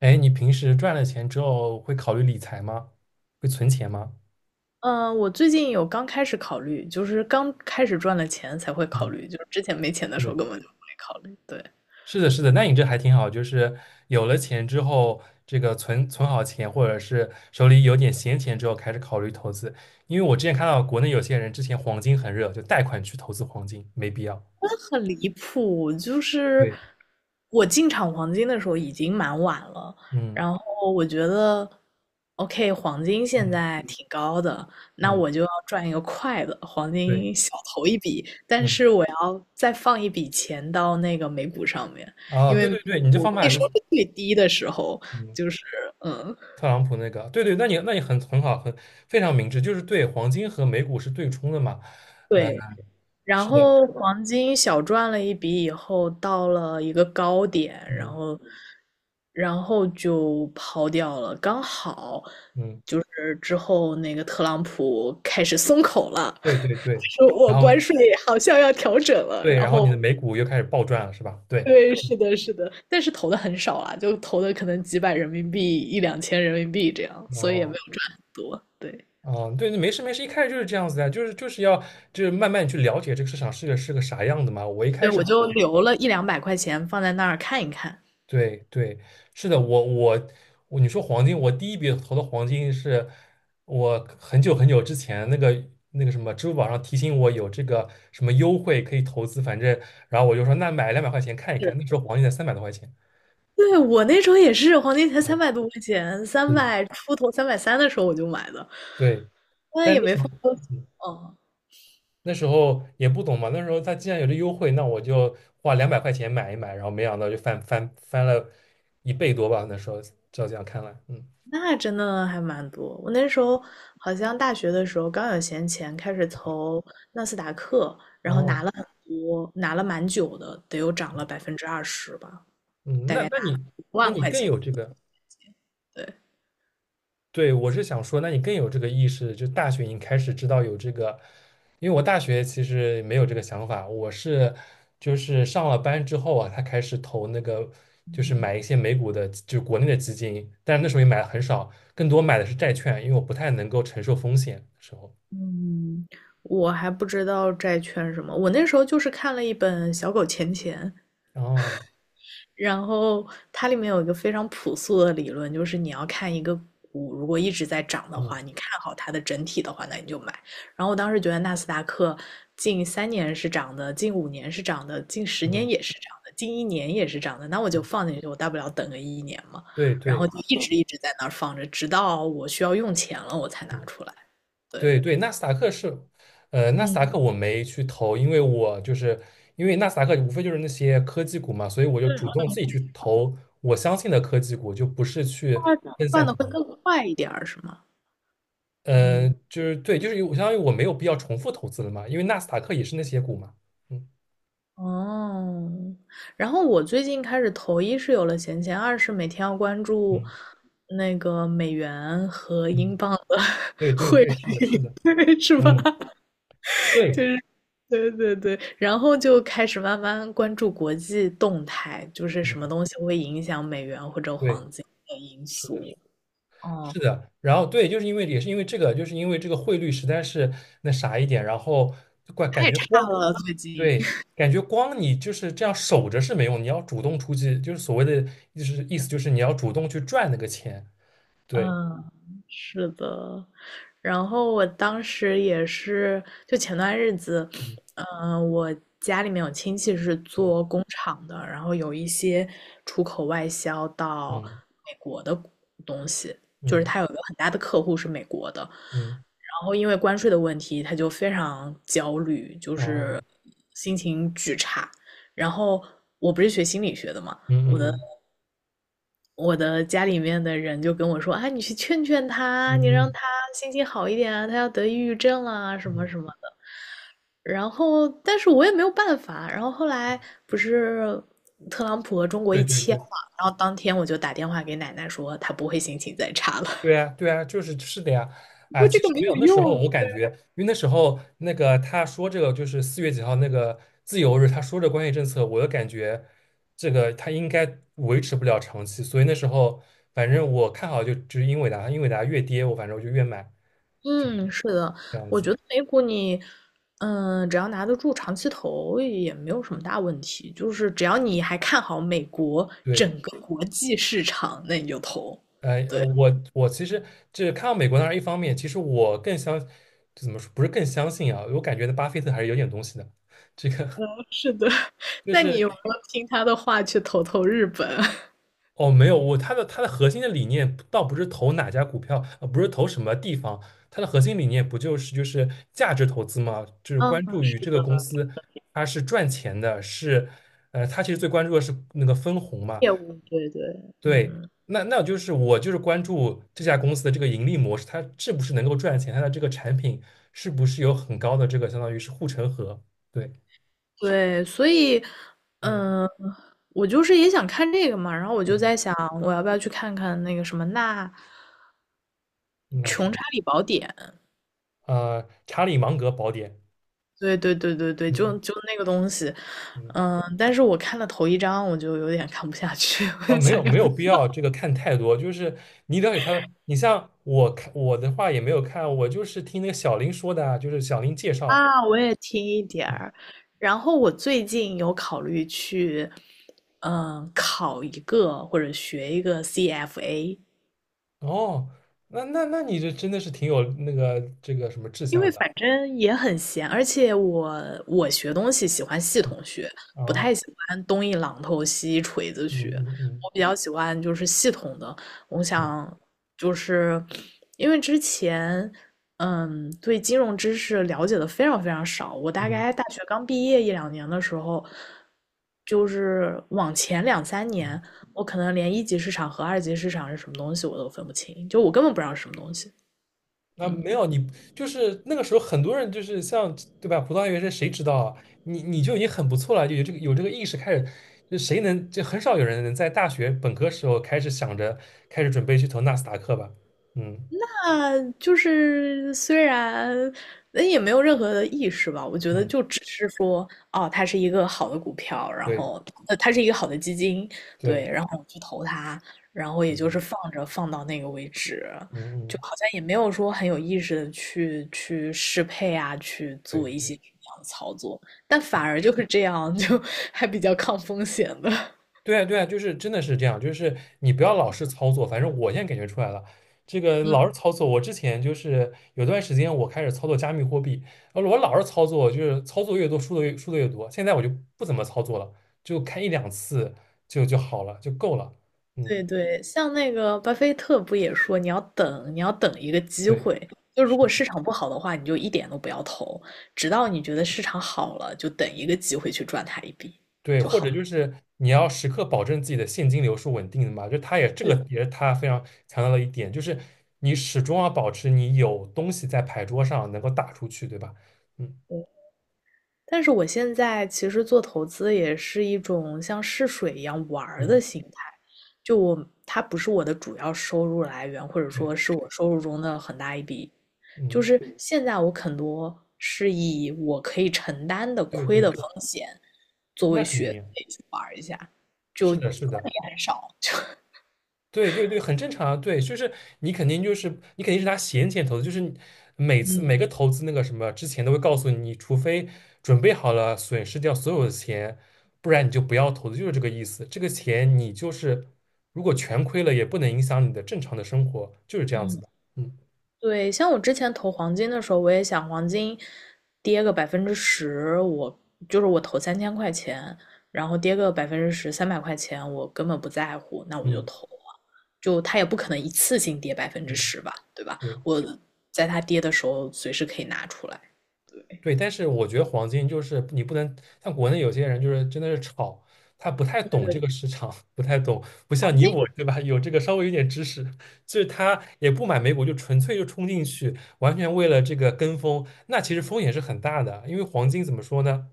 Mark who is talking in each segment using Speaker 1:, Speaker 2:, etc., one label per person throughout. Speaker 1: 哎，你平时赚了钱之后会考虑理财吗？会存钱吗？
Speaker 2: 嗯，我最近有刚开始考虑，就是刚开始赚了钱才会考
Speaker 1: 嗯，
Speaker 2: 虑，就是之前没钱的时候
Speaker 1: 对，
Speaker 2: 根本就没考虑。对。
Speaker 1: 是的，是的，那你这还挺好，就是有了钱之后，这个存好钱，或者是手里有点闲钱之后，开始考虑投资。因为我之前看到国内有些人之前黄金很热，就贷款去投资黄金，没必要。
Speaker 2: 那很离谱，就是
Speaker 1: 对，
Speaker 2: 我进场黄金的时候已经蛮晚了，
Speaker 1: 嗯
Speaker 2: 然后我觉得，OK，黄金现
Speaker 1: 嗯，
Speaker 2: 在挺高的，那
Speaker 1: 嗯
Speaker 2: 我就要赚一个快的，黄
Speaker 1: 对，
Speaker 2: 金小投一笔，但
Speaker 1: 嗯，
Speaker 2: 是我要再放一笔钱到那个美股上面，
Speaker 1: 哦，
Speaker 2: 因
Speaker 1: 对
Speaker 2: 为
Speaker 1: 对对，你这
Speaker 2: 我
Speaker 1: 方
Speaker 2: 股
Speaker 1: 法
Speaker 2: 那时
Speaker 1: 是
Speaker 2: 候是最低的时候，
Speaker 1: 嗯，
Speaker 2: 就是嗯，
Speaker 1: 特朗普那个，对对，那你很好，非常明智，就是对黄金和美股是对冲的嘛。呃
Speaker 2: 对。然
Speaker 1: 是的。
Speaker 2: 后黄金小赚了一笔以后，到了一个高点，然
Speaker 1: 嗯
Speaker 2: 后，然后就抛掉了。刚好
Speaker 1: 嗯，
Speaker 2: 就是之后那个特朗普开始松口了，
Speaker 1: 对对对，
Speaker 2: 说我
Speaker 1: 然
Speaker 2: 关
Speaker 1: 后
Speaker 2: 税好像要调整了。
Speaker 1: 对，
Speaker 2: 然
Speaker 1: 然后你
Speaker 2: 后，
Speaker 1: 的美股又开始暴赚了，是吧？对，
Speaker 2: 对，是的，是的，但是投的很少啊，就投的可能几百人民币、一两千人民币这样，所以也没
Speaker 1: 哦，
Speaker 2: 有赚很多。对。
Speaker 1: 啊，对，没事没事，一开始就是这样子的，就是要就是慢慢去了解这个市场是个啥样的嘛。我一开
Speaker 2: 对，
Speaker 1: 始
Speaker 2: 我就
Speaker 1: 投的
Speaker 2: 留了一两百块钱放在那儿看一看。
Speaker 1: 对对，是的，我，你说黄金，我第一笔投的黄金是我很久很久之前那个什么支付宝上提醒我有这个什么优惠可以投资，反正然后我就说那买两百块钱看一
Speaker 2: 对。
Speaker 1: 看，那时候黄金才300多块钱，
Speaker 2: 对，我那时候也是，黄金才三
Speaker 1: 嗯，
Speaker 2: 百多块钱，三
Speaker 1: 是的
Speaker 2: 百出头，330的时候我就买的，
Speaker 1: 对。
Speaker 2: 那
Speaker 1: 但是
Speaker 2: 也
Speaker 1: 那
Speaker 2: 没
Speaker 1: 时候
Speaker 2: 放多久。
Speaker 1: 嗯
Speaker 2: 哦，
Speaker 1: 也不懂嘛，那时候它既然有这优惠，那我就花两百块钱买一买，然后没想到就翻了一倍多吧，那时候照这样看来，嗯，
Speaker 2: 那真的还蛮多。我那时候好像大学的时候刚有闲钱，开始投纳斯达克，然后拿
Speaker 1: 哦，
Speaker 2: 了很多，拿了蛮久的，得有涨了20%吧，
Speaker 1: 嗯，
Speaker 2: 大
Speaker 1: 那
Speaker 2: 概
Speaker 1: 那
Speaker 2: 拿了
Speaker 1: 你
Speaker 2: 一
Speaker 1: 那
Speaker 2: 万
Speaker 1: 你
Speaker 2: 块
Speaker 1: 更
Speaker 2: 钱。
Speaker 1: 有这个。
Speaker 2: 对。
Speaker 1: 对，我是想说，那你更有这个意识，就大学已经开始知道有这个，因为我大学其实没有这个想法，我是就是上了班之后啊，他开始投那个，就是买一些美股的，就国内的基金，但是那时候也买的很少，更多买的是债券，因为我不太能够承受风险的时候。
Speaker 2: 嗯，我还不知道债券什么，我那时候就是看了一本《小狗钱钱》，
Speaker 1: 哦，
Speaker 2: 然后它里面有一个非常朴素的理论，就是你要看一个股如果一直在涨的
Speaker 1: 嗯
Speaker 2: 话，你看好它的整体的话，那你就买。然后我当时觉得纳斯达克近3年是涨的，近5年是涨的，近10年
Speaker 1: 嗯，
Speaker 2: 也是涨的，近一年也是涨的，那我就放进去，我大不了等个一年嘛。
Speaker 1: 对
Speaker 2: 然后
Speaker 1: 对，
Speaker 2: 就一直一直在那儿放着，直到我需要用钱了，我才拿
Speaker 1: 嗯
Speaker 2: 出来。对。
Speaker 1: 对对，纳斯达克是，纳斯
Speaker 2: 嗯。
Speaker 1: 达克我没去投，因为我就是因为纳斯达克无非就是那些科技股嘛，所以我就主
Speaker 2: 嗯，
Speaker 1: 动自己去投我相信的科技股，就不是去分
Speaker 2: 赚
Speaker 1: 散
Speaker 2: 的
Speaker 1: 投。
Speaker 2: 会更快一点儿，是吗？嗯。
Speaker 1: 就是对，就是我相当于我没有必要重复投资了嘛，因为纳斯达克也是那些股嘛。嗯
Speaker 2: 哦，然后我最近开始投一是有了闲钱，二是每天要关注
Speaker 1: 嗯
Speaker 2: 那个美元和
Speaker 1: 嗯，
Speaker 2: 英镑的，
Speaker 1: 对对对，是的，是 的，
Speaker 2: 对，是吧？
Speaker 1: 嗯，
Speaker 2: 就
Speaker 1: 对，
Speaker 2: 是，对对对，然后就开始慢慢关注国际动态，就是
Speaker 1: 嗯
Speaker 2: 什么东西会影响美元或者
Speaker 1: 对，
Speaker 2: 黄金的因
Speaker 1: 是的。
Speaker 2: 素。哦。
Speaker 1: 是的，然后对，就是因为也是因为这个，就是因为这个汇率实在是那啥一点，然后感感
Speaker 2: 太
Speaker 1: 觉
Speaker 2: 差
Speaker 1: 光
Speaker 2: 了，最近。
Speaker 1: 对，感觉光你就是这样守着是没用，你要主动出击，就是所谓的就是意思就是你要主动去赚那个钱，对，
Speaker 2: 嗯，是的。然后我当时也是，就前段日子，
Speaker 1: 嗯
Speaker 2: 我家里面有亲戚是做工厂的，然后有一些出口外销到
Speaker 1: 嗯
Speaker 2: 美国的东西，
Speaker 1: 嗯
Speaker 2: 就是
Speaker 1: 嗯
Speaker 2: 他有一个很大的客户是美国的，
Speaker 1: 嗯，
Speaker 2: 然后因为关税的问题，他就非常焦虑，就
Speaker 1: 然
Speaker 2: 是
Speaker 1: 后
Speaker 2: 心情巨差。然后我不是学心理学的嘛，
Speaker 1: 嗯嗯
Speaker 2: 我的家里面的人就跟我说：“啊，你去劝劝他，你
Speaker 1: 嗯
Speaker 2: 让
Speaker 1: 嗯
Speaker 2: 他心情好一点啊，他要得抑郁症啦，什
Speaker 1: 嗯，
Speaker 2: 么
Speaker 1: 嗯
Speaker 2: 什么的。”然后，但是我也没有办法。然后后来不是特朗普和中国
Speaker 1: 对
Speaker 2: 一
Speaker 1: 对
Speaker 2: 签嘛，
Speaker 1: 对。
Speaker 2: 然后当天我就打电话给奶奶说他不会心情再差了，
Speaker 1: 对呀，对呀，就是是的呀，啊，
Speaker 2: 说
Speaker 1: 其
Speaker 2: 这个
Speaker 1: 实
Speaker 2: 没
Speaker 1: 没有
Speaker 2: 有
Speaker 1: 那时候我
Speaker 2: 用。
Speaker 1: 感觉，因为那时候那个他说这个就是4月几号那个自由日，他说这关税政策，我就感觉这个他应该维持不了长期，所以那时候反正我看好就是英伟达，英伟达越跌我反正我就越买
Speaker 2: 嗯，是的。
Speaker 1: 这样
Speaker 2: 我
Speaker 1: 子。
Speaker 2: 觉得美股你，只要拿得住长期投也没有什么大问题，就是只要你还看好美国整
Speaker 1: 对，
Speaker 2: 个国际市场，那你就投。
Speaker 1: 我其实这看到美国那然一方面，其实我更相怎么说不是更相信啊，我感觉巴菲特还是有点东西的，这个
Speaker 2: 是的。
Speaker 1: 就
Speaker 2: 那你
Speaker 1: 是。
Speaker 2: 有没有听他的话去投投日本？
Speaker 1: 哦，没有，我它的核心的理念倒不是投哪家股票，不是投什么地方，它的核心理念不就是价值投资吗？就是
Speaker 2: 嗯，
Speaker 1: 关注于这个公司它是赚钱的，是，他其实最关注的是那个分红嘛，
Speaker 2: 业务，对对。
Speaker 1: 对，
Speaker 2: 嗯，
Speaker 1: 那就是我就是关注这家公司的这个盈利模式，它是不是能够赚钱，它的这个产品是不是有很高的这个相当于是护城河，对，
Speaker 2: 对，所以，
Speaker 1: 嗯
Speaker 2: 嗯，我就是也想看这个嘛，然后我就
Speaker 1: 嗯，
Speaker 2: 在想，我要不要去看看那个什么《那
Speaker 1: 嗯那什
Speaker 2: 穷
Speaker 1: 么，
Speaker 2: 查理宝典》？
Speaker 1: 查理芒格宝典，
Speaker 2: 对对对对对，就
Speaker 1: 嗯
Speaker 2: 就那个东西。
Speaker 1: 嗯。
Speaker 2: 嗯，但是我看了头一章，我就有点看不下去。我
Speaker 1: 哦，
Speaker 2: 就
Speaker 1: 没
Speaker 2: 想
Speaker 1: 有
Speaker 2: 要。
Speaker 1: 没有必要这个看太多，就是你了解他的你像我看我的话也没有看，我就是听那个小林说的啊，就是小林介绍。
Speaker 2: 啊，我也听一点
Speaker 1: 嗯
Speaker 2: 儿。然后我最近有考虑去，考一个或者学一个 CFA，
Speaker 1: 哦，那你这真的是挺有那个这个什么志
Speaker 2: 因
Speaker 1: 向
Speaker 2: 为
Speaker 1: 的。
Speaker 2: 反正也很闲，而且我学东西喜欢系
Speaker 1: 嗯
Speaker 2: 统学，不
Speaker 1: 哦，
Speaker 2: 太喜欢东一榔头西一锤子
Speaker 1: 嗯
Speaker 2: 学。
Speaker 1: 嗯嗯
Speaker 2: 我比较喜欢就是系统的。我
Speaker 1: 嗯
Speaker 2: 想就是因为之前对金融知识了解的非常非常少，我大
Speaker 1: 嗯
Speaker 2: 概大学刚毕业一两年的时候，就是往前两三
Speaker 1: 嗯。
Speaker 2: 年，我可能连一级市场和二级市场是什么东西我都分不清，就我根本不知道是什么东西。
Speaker 1: 啊，没
Speaker 2: 嗯。
Speaker 1: 有你，就是那个时候很多人就是像对吧？葡萄牙原声谁知道啊？你就已经很不错了，就有这个意识开始，就谁能就很少有人能在大学本科时候开始想着开始准备去投纳斯达克吧？嗯
Speaker 2: 啊，就是虽然那也没有任何的意识吧，我觉得
Speaker 1: 嗯，
Speaker 2: 就只是说，哦，它是一个好的股票，然
Speaker 1: 对
Speaker 2: 后它是一个好的基金，对，
Speaker 1: 对，
Speaker 2: 然后我去投它，然后也就是
Speaker 1: 嗯
Speaker 2: 放着放到那个位置，
Speaker 1: 嗯
Speaker 2: 就
Speaker 1: 嗯，
Speaker 2: 好像也没有说很有意识的去适配啊，去做一
Speaker 1: 对。
Speaker 2: 些这样的操作。但反而就是这样，就 还比较抗风险的。
Speaker 1: 对啊，对啊，就是真的是这样，就是你不要老是操作，反正我现在感觉出来了，这个
Speaker 2: 嗯。
Speaker 1: 老是操作，我之前就是有段时间我开始操作加密货币，然后我老是操作，就是操作越多输的越多，现在我就不怎么操作了，就看一两次就好了，就够了。
Speaker 2: 对
Speaker 1: 嗯，
Speaker 2: 对，像那个巴菲特不也说，你要等，你要等一个机
Speaker 1: 对
Speaker 2: 会。就如果市场不好的话，你就一点都不要投，直到你觉得市场好了，就等一个机会去赚它一笔。
Speaker 1: 对，或者就是你要时刻保证自己的现金流是稳定的嘛，就他也这个
Speaker 2: 对
Speaker 1: 也是他非常强调的一点，就是你始终要保持你有东西在牌桌上能够打出去，对吧？嗯
Speaker 2: 对。但是我现在其实做投资也是一种像试水一样玩儿的
Speaker 1: 嗯。
Speaker 2: 心态，就我，它不是我的主要收入来源，或者
Speaker 1: 对，
Speaker 2: 说是我收入中的很大一笔，就
Speaker 1: 嗯，
Speaker 2: 是现在我很多是以我可以承担的
Speaker 1: 对
Speaker 2: 亏的
Speaker 1: 对，
Speaker 2: 风险作为
Speaker 1: 那肯
Speaker 2: 学
Speaker 1: 定
Speaker 2: 费去玩一下，就亏
Speaker 1: 是的，是
Speaker 2: 的
Speaker 1: 的，
Speaker 2: 也很少。
Speaker 1: 对对对，很正常啊。对，就是你肯定就是你肯定是拿闲钱投资，就是你每次
Speaker 2: 嗯
Speaker 1: 每个投资那个什么之前都会告诉你，除非准备好了损失掉所有的钱，不然你就不要投资，就是这个意思。这个钱你就是如果全亏了，也不能影响你的正常的生活，就是这样子
Speaker 2: 嗯，
Speaker 1: 的。嗯
Speaker 2: 对。像我之前投黄金的时候，我也想黄金跌个百分之十，我就是我投3000块钱，然后跌个百分之十，300块钱我根本不在乎，那我就
Speaker 1: 嗯
Speaker 2: 投了。就它也不可能一次性跌百分之
Speaker 1: 嗯，
Speaker 2: 十吧，对吧？
Speaker 1: 对。
Speaker 2: 我在它跌的时候随时可以拿出来。对。
Speaker 1: 对，但是我觉得黄金就是你不能像国内有些人就是真的是炒，他不太
Speaker 2: 这
Speaker 1: 懂这
Speaker 2: 个
Speaker 1: 个市场，不太懂，不像
Speaker 2: 黄
Speaker 1: 你
Speaker 2: 金
Speaker 1: 我对吧？有这个稍微有点知识，就是他也不买美股，就纯粹就冲进去，完全为了这个跟风，那其实风险是很大的。因为黄金怎么说呢？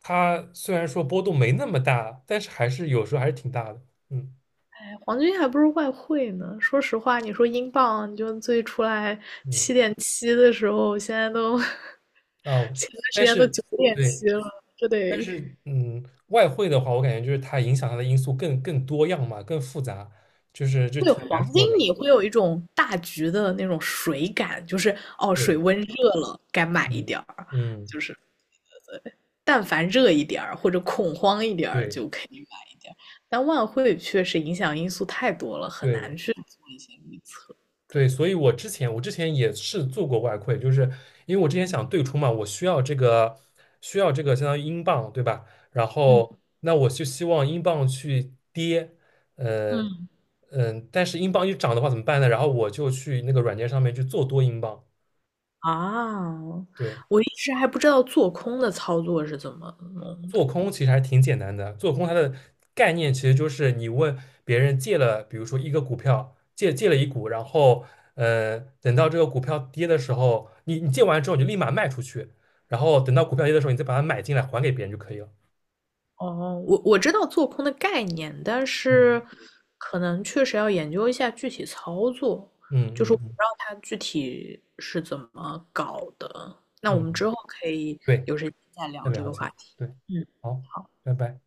Speaker 1: 它虽然说波动没那么大，但是还是有时候还是挺大的。嗯
Speaker 2: 哎，黄金还不如外汇呢。说实话，你说英镑，你就最出来
Speaker 1: 嗯
Speaker 2: 7.7的时候，现在都
Speaker 1: 哦，
Speaker 2: 前段时
Speaker 1: 但
Speaker 2: 间都
Speaker 1: 是
Speaker 2: 九点
Speaker 1: 对。
Speaker 2: 七了。这
Speaker 1: 但
Speaker 2: 得
Speaker 1: 是，嗯，外汇的话，我感觉就是它影响它的因素更多样嘛，更复杂，就
Speaker 2: 对
Speaker 1: 挺难
Speaker 2: 黄金，
Speaker 1: 说的。
Speaker 2: 你会有一种大局的那种水感，就是哦，
Speaker 1: 对，
Speaker 2: 水温热了，该买一
Speaker 1: 嗯
Speaker 2: 点儿，
Speaker 1: 嗯，
Speaker 2: 就是但凡热一点儿或者恐慌一点儿
Speaker 1: 对
Speaker 2: 就可以买一点儿。但外汇确实影响因素太多了，很
Speaker 1: 对
Speaker 2: 难去做一些预测。
Speaker 1: 对，所以我之前也是做过外汇，就是因为我之前想对冲嘛，我需要这个相当于英镑，对吧？然后
Speaker 2: 嗯
Speaker 1: 那我就希望英镑去跌，呃
Speaker 2: 嗯嗯。
Speaker 1: 嗯，但是英镑一涨的话怎么办呢？然后我就去那个软件上面去做多英镑，
Speaker 2: 啊，
Speaker 1: 对。
Speaker 2: 我一直还不知道做空的操作是怎么弄的。
Speaker 1: 做空其实还是挺简单的。做空它的概念其实就是你问别人借了，比如说一个股票，借了一股，然后等到这个股票跌的时候，你借完之后你就立马卖出去，然后等到股票跌的时候，你再把它买进来还给别人就可以了。
Speaker 2: 哦，我知道做空的概念，但是
Speaker 1: 嗯
Speaker 2: 可能确实要研究一下具体操作，
Speaker 1: 嗯
Speaker 2: 就是我
Speaker 1: 嗯
Speaker 2: 不知
Speaker 1: 嗯
Speaker 2: 道它具体是怎么搞的。那我们
Speaker 1: 嗯，
Speaker 2: 之后可以
Speaker 1: 对，
Speaker 2: 有时间再
Speaker 1: 再
Speaker 2: 聊这
Speaker 1: 聊
Speaker 2: 个
Speaker 1: 一
Speaker 2: 话
Speaker 1: 下，
Speaker 2: 题。
Speaker 1: 对，
Speaker 2: 嗯。
Speaker 1: 好，
Speaker 2: 好。
Speaker 1: 拜拜。